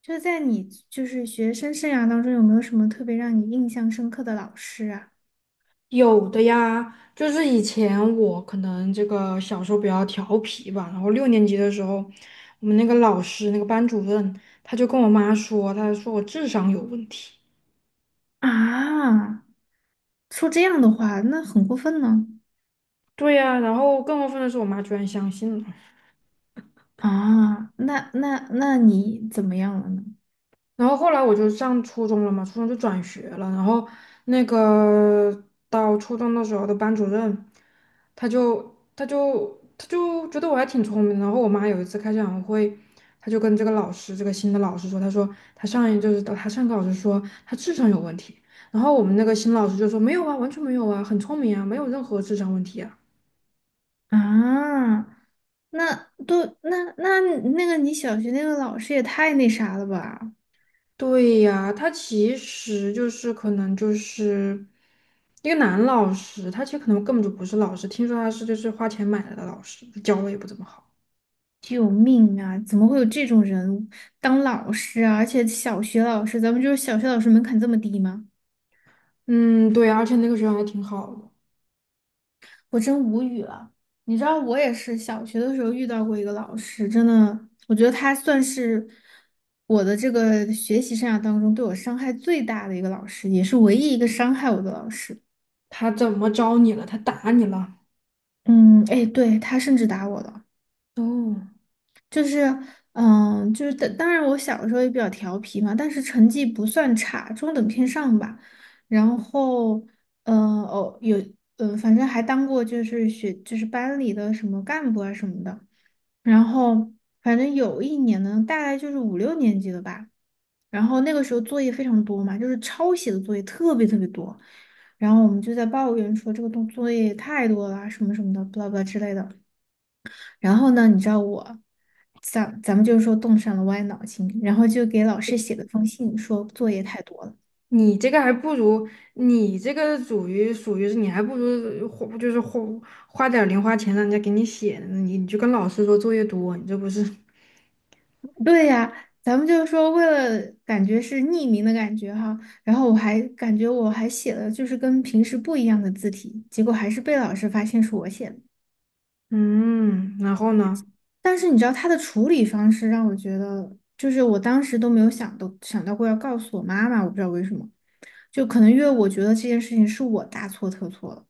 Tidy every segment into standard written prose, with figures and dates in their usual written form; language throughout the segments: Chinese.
就在你就是学生生涯当中，有没有什么特别让你印象深刻的老师啊？有的呀，就是以前我可能这个小时候比较调皮吧，然后六年级的时候，我们那个老师那个班主任他就跟我妈说，他说我智商有问题。啊，说这样的话，那很过分呢。对呀，然后更过分的是，我妈居然相信了。啊，那你怎么样了呢？然后后来我就上初中了嘛，初中就转学了。然后那个到初中的时候的班主任，他就觉得我还挺聪明的。然后我妈有一次开家长会，他就跟这个老师，这个新的老师说，他说他上一就是他上课老师说他智商有问题。然后我们那个新老师就说没有啊，完全没有啊，很聪明啊，没有任何智商问题啊。啊，那那个你小学那个老师也太那啥了吧！对呀，他其实就是可能就是一个男老师，他其实可能根本就不是老师，听说他是就是花钱买来的老师，教的也不怎么好。救命啊！怎么会有这种人当老师啊？而且小学老师，咱们就是小学老师门槛这么低吗？嗯，对啊，而且那个学校还挺好的。我真无语了。你知道，我也是小学的时候遇到过一个老师，真的，我觉得他算是我的这个学习生涯当中对我伤害最大的一个老师，也是唯一一个伤害我的老师。他怎么招你了？他打你了？嗯，哎，对，他甚至打我了，哦，就是，就是当然我小的时候也比较调皮嘛，但是成绩不算差，中等偏上吧。然后，哦，有，反正还当过就是就是班里的什么干部啊什么的。然后反正有一年呢，大概就是五六年级了吧。然后那个时候作业非常多嘛，就是抄写的作业特别特别多。然后我们就在抱怨说这个东作业太多了啊什么什么的，不啦不啦之类的。然后呢，你知道我，咱们就是说动上了歪脑筋，然后就给老师写了封信，说作业太多了。你这个还不如你这个属于是你还不如花点儿零花钱让人家给你写呢，你就跟老师说作业多，你这不是 对呀，咱们就是说，为了感觉是匿名的感觉哈，然后我还感觉我还写了就是跟平时不一样的字体，结果还是被老师发现是我写的。嗯，然后呢？但是你知道他的处理方式让我觉得，就是我当时都没有想到过要告诉我妈妈，我不知道为什么，就可能因为我觉得这件事情是我大错特错了。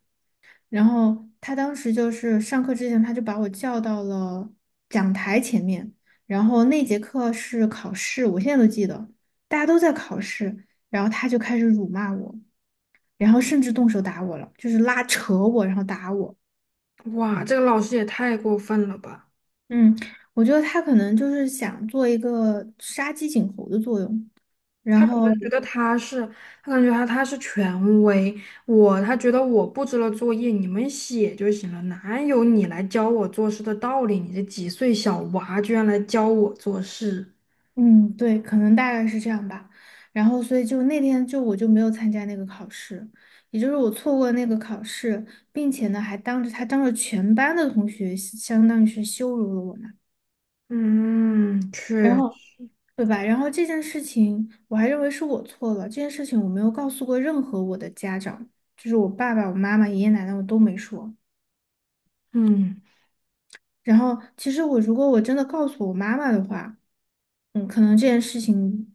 然后他当时就是上课之前，他就把我叫到了讲台前面。然后那节课是考试，我现在都记得，大家都在考试，然后他就开始辱骂我，然后甚至动手打我了，就是拉扯我，然后打我。哇，这个老师也太过分了吧！嗯，我觉得他可能就是想做一个杀鸡儆猴的作用。然他可能后觉得他是，他感觉他是权威，他觉得我布置了作业，你们写就行了，哪有你来教我做事的道理？你这几岁小娃居然来教我做事，嗯，对，可能大概是这样吧。然后，所以就那天就我就没有参加那个考试，也就是我错过了那个考试，并且呢还当着他当着全班的同学，相当于是羞辱了我嘛。嗯，然确，后，对吧？然后这件事情我还认为是我错了，这件事情我没有告诉过任何我的家长，就是我爸爸、我妈妈、爷爷奶奶我都没说。嗯然后，其实如果我真的告诉我妈妈的话。嗯，可能这件事情，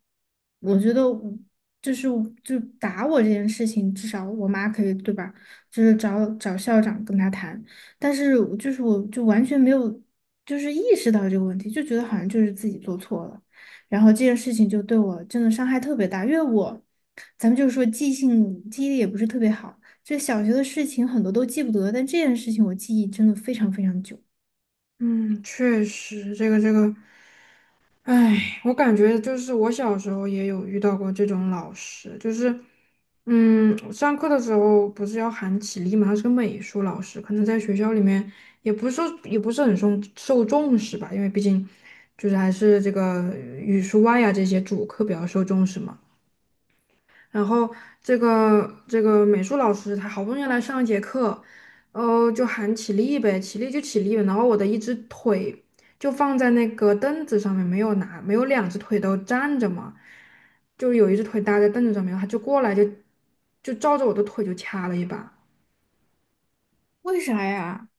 我觉得我就是就打我这件事情，至少我妈可以，对吧？就是找找校长跟他谈，但是我就完全没有就是意识到这个问题，就觉得好像就是自己做错了，然后这件事情就对我真的伤害特别大，因为我咱们就是说记忆力也不是特别好，就小学的事情很多都记不得，但这件事情我记忆真的非常非常久，嗯，确实，这个这个。唉，我感觉就是我小时候也有遇到过这种老师，就是，上课的时候不是要喊起立嘛，他是个美术老师，可能在学校里面也不是说也不是很受重视吧，因为毕竟就是还是这个语数外啊这些主课比较受重视嘛。然后这个美术老师他好不容易来上一节课，就喊起立呗，起立就起立呗。然后我的一只腿就放在那个凳子上面，没有拿，没有两只腿都站着嘛，就有一只腿搭在凳子上面，他就过来就照着我的腿就掐了一把，为啥呀？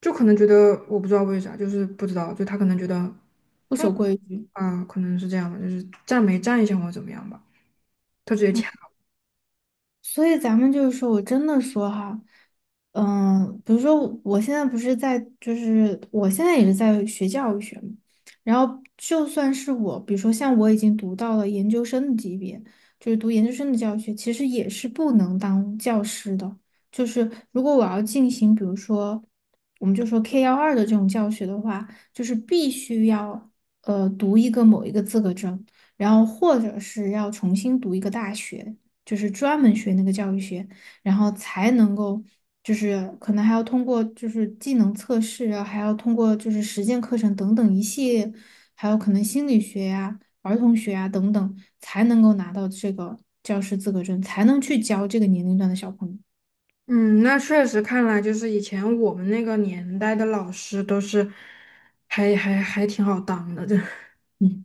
就可能觉得我不知道为啥，就是不知道，就他可能觉得不守规矩。啊，可能是这样吧，就是站没站一下或者怎么样吧，他直接掐。所以咱们就是说，我真的说哈，比如说我现在不是在，就是我现在也是在学教育学嘛，然后就算是我，比如说像我已经读到了研究生的级别，就是读研究生的教育学，其实也是不能当教师的。就是如果我要进行，比如说我们就说 K12的这种教学的话，就是必须要读某一个资格证，然后或者是要重新读一个大学。就是专门学那个教育学，然后才能够，就是可能还要通过就是技能测试啊，还要通过就是实践课程等等一系列，还有可能心理学呀、儿童学呀等等，才能够拿到这个教师资格证，才能去教这个年龄段的小朋友。嗯，那确实看来就是以前我们那个年代的老师都是还挺好当的，这 嗯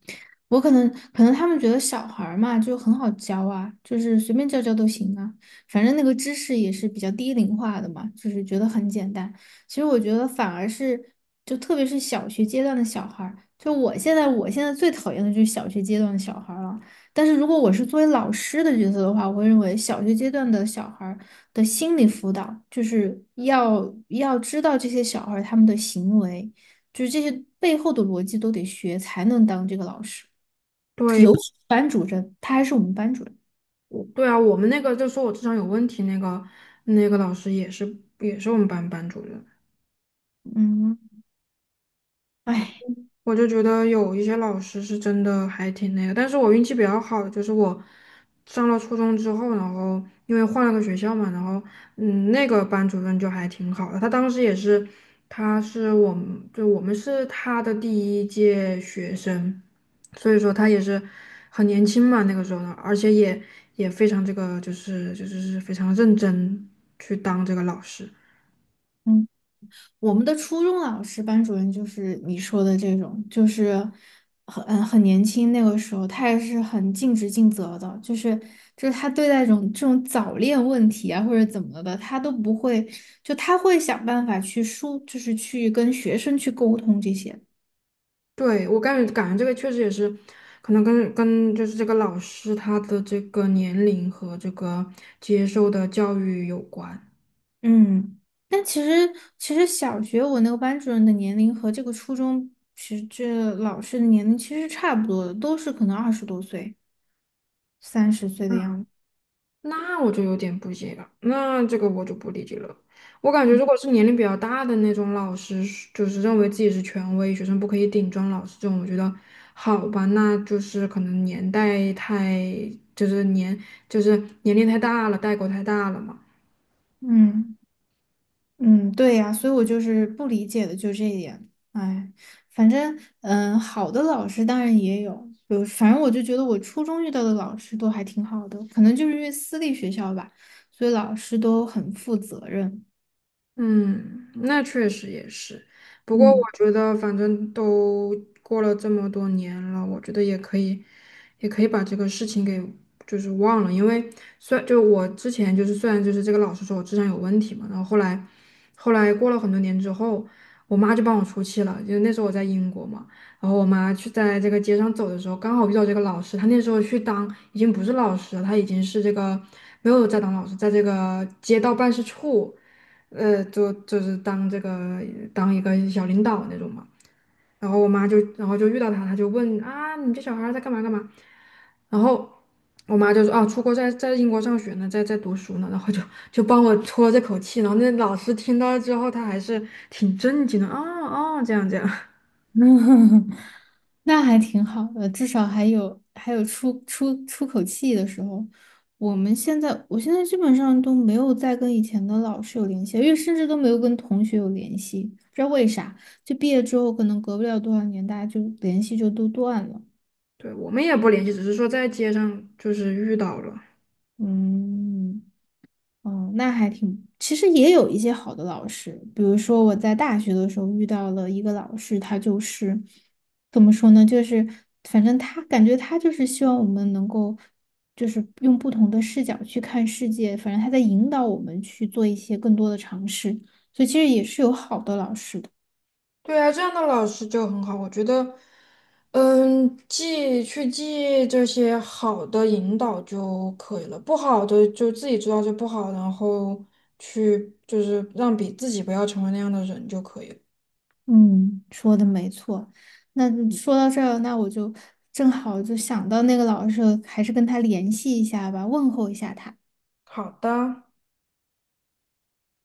我可能可能他们觉得小孩儿嘛就很好教啊，就是随便教教都行啊，反正那个知识也是比较低龄化的嘛，就是觉得很简单。其实我觉得反而是就特别是小学阶段的小孩儿，就我现在最讨厌的就是小学阶段的小孩儿了。但是如果我是作为老师的角色的话，我会认为小学阶段的小孩儿的心理辅导就是要知道这些小孩儿他们的行为。就是这些背后的逻辑都得学，才能当这个老师。对，班主任，他还是我们班主任。我对啊，我们那个就说我智商有问题那个老师也是我们班班主任。嗯，哎，我就觉得有一些老师是真的还挺那个，但是我运气比较好的就是我上了初中之后，然后因为换了个学校嘛，然后那个班主任就还挺好的，他当时也是，他是我们，就我们是他的第一届学生，所以说他也是很年轻嘛，那个时候呢，而且也非常这个就是是非常认真去当这个老师。嗯，我们的初中老师班主任就是你说的这种，就是很很年轻那个时候，他也是很尽职尽责的，就是就是他对待这种这种早恋问题啊或者怎么的，他都不会，就他会想办法就是去跟学生去沟通这些。对，我感觉这个确实也是，可能跟就是这个老师他的这个年龄和这个接受的教育有关。嗯，但其实小学我那个班主任的年龄和这个初中其实这老师的年龄其实差不多的，都是可能20多岁、30岁的嗯，样子。那我就有点不解了，那这个我就不理解了。我感觉如果是年龄比较大的那种老师，就是认为自己是权威，学生不可以顶撞老师这种，我觉得好吧，那就是可能年代太，就是年就是年龄太大了，代沟太大了嘛。嗯嗯，对呀，所以我就是不理解的就这一点。哎，反正好的老师当然也有，比如反正我就觉得我初中遇到的老师都还挺好的，可能就是因为私立学校吧，所以老师都很负责任。嗯，那确实也是。不过我嗯。觉得，反正都过了这么多年了，我觉得也可以，也可以把这个事情给就是忘了。因为虽然就是这个老师说我智商有问题嘛，然后后来过了很多年之后，我妈就帮我出气了。就那时候我在英国嘛，然后我妈去在这个街上走的时候，刚好遇到这个老师。她那时候去当已经不是老师了，她已经是这个没有在当老师，在这个街道办事处。就是当这个当一个小领导那种嘛。然后我妈就，然后就遇到他，他就问啊，你这小孩儿在干嘛干嘛？然后我妈就说啊，出国在英国上学呢，在读书呢。然后就帮我出了这口气。然后那老师听到之后，他还是挺震惊的。啊哦，这样这样，那还挺好的，至少还有出口气的时候。我现在基本上都没有再跟以前的老师有联系，因为甚至都没有跟同学有联系，不知道为啥。就毕业之后，可能隔不了多少年，大家就联系就都断了。对，我们也不联系，只是说在街上就是遇到了。嗯。哦，那还挺，其实也有一些好的老师，比如说我在大学的时候遇到了一个老师，他就是怎么说呢，就是反正他感觉他就是希望我们能够，就是用不同的视角去看世界，反正他在引导我们去做一些更多的尝试，所以其实也是有好的老师的。对啊，这样的老师就很好，我觉得，记这些好的引导就可以了，不好的就自己知道就不好，然后去就是让比自己不要成为那样的人就可以了。嗯，说的没错。那说到这儿，那我就正好就想到那个老师了还是跟他联系一下吧，问候一下他。好的。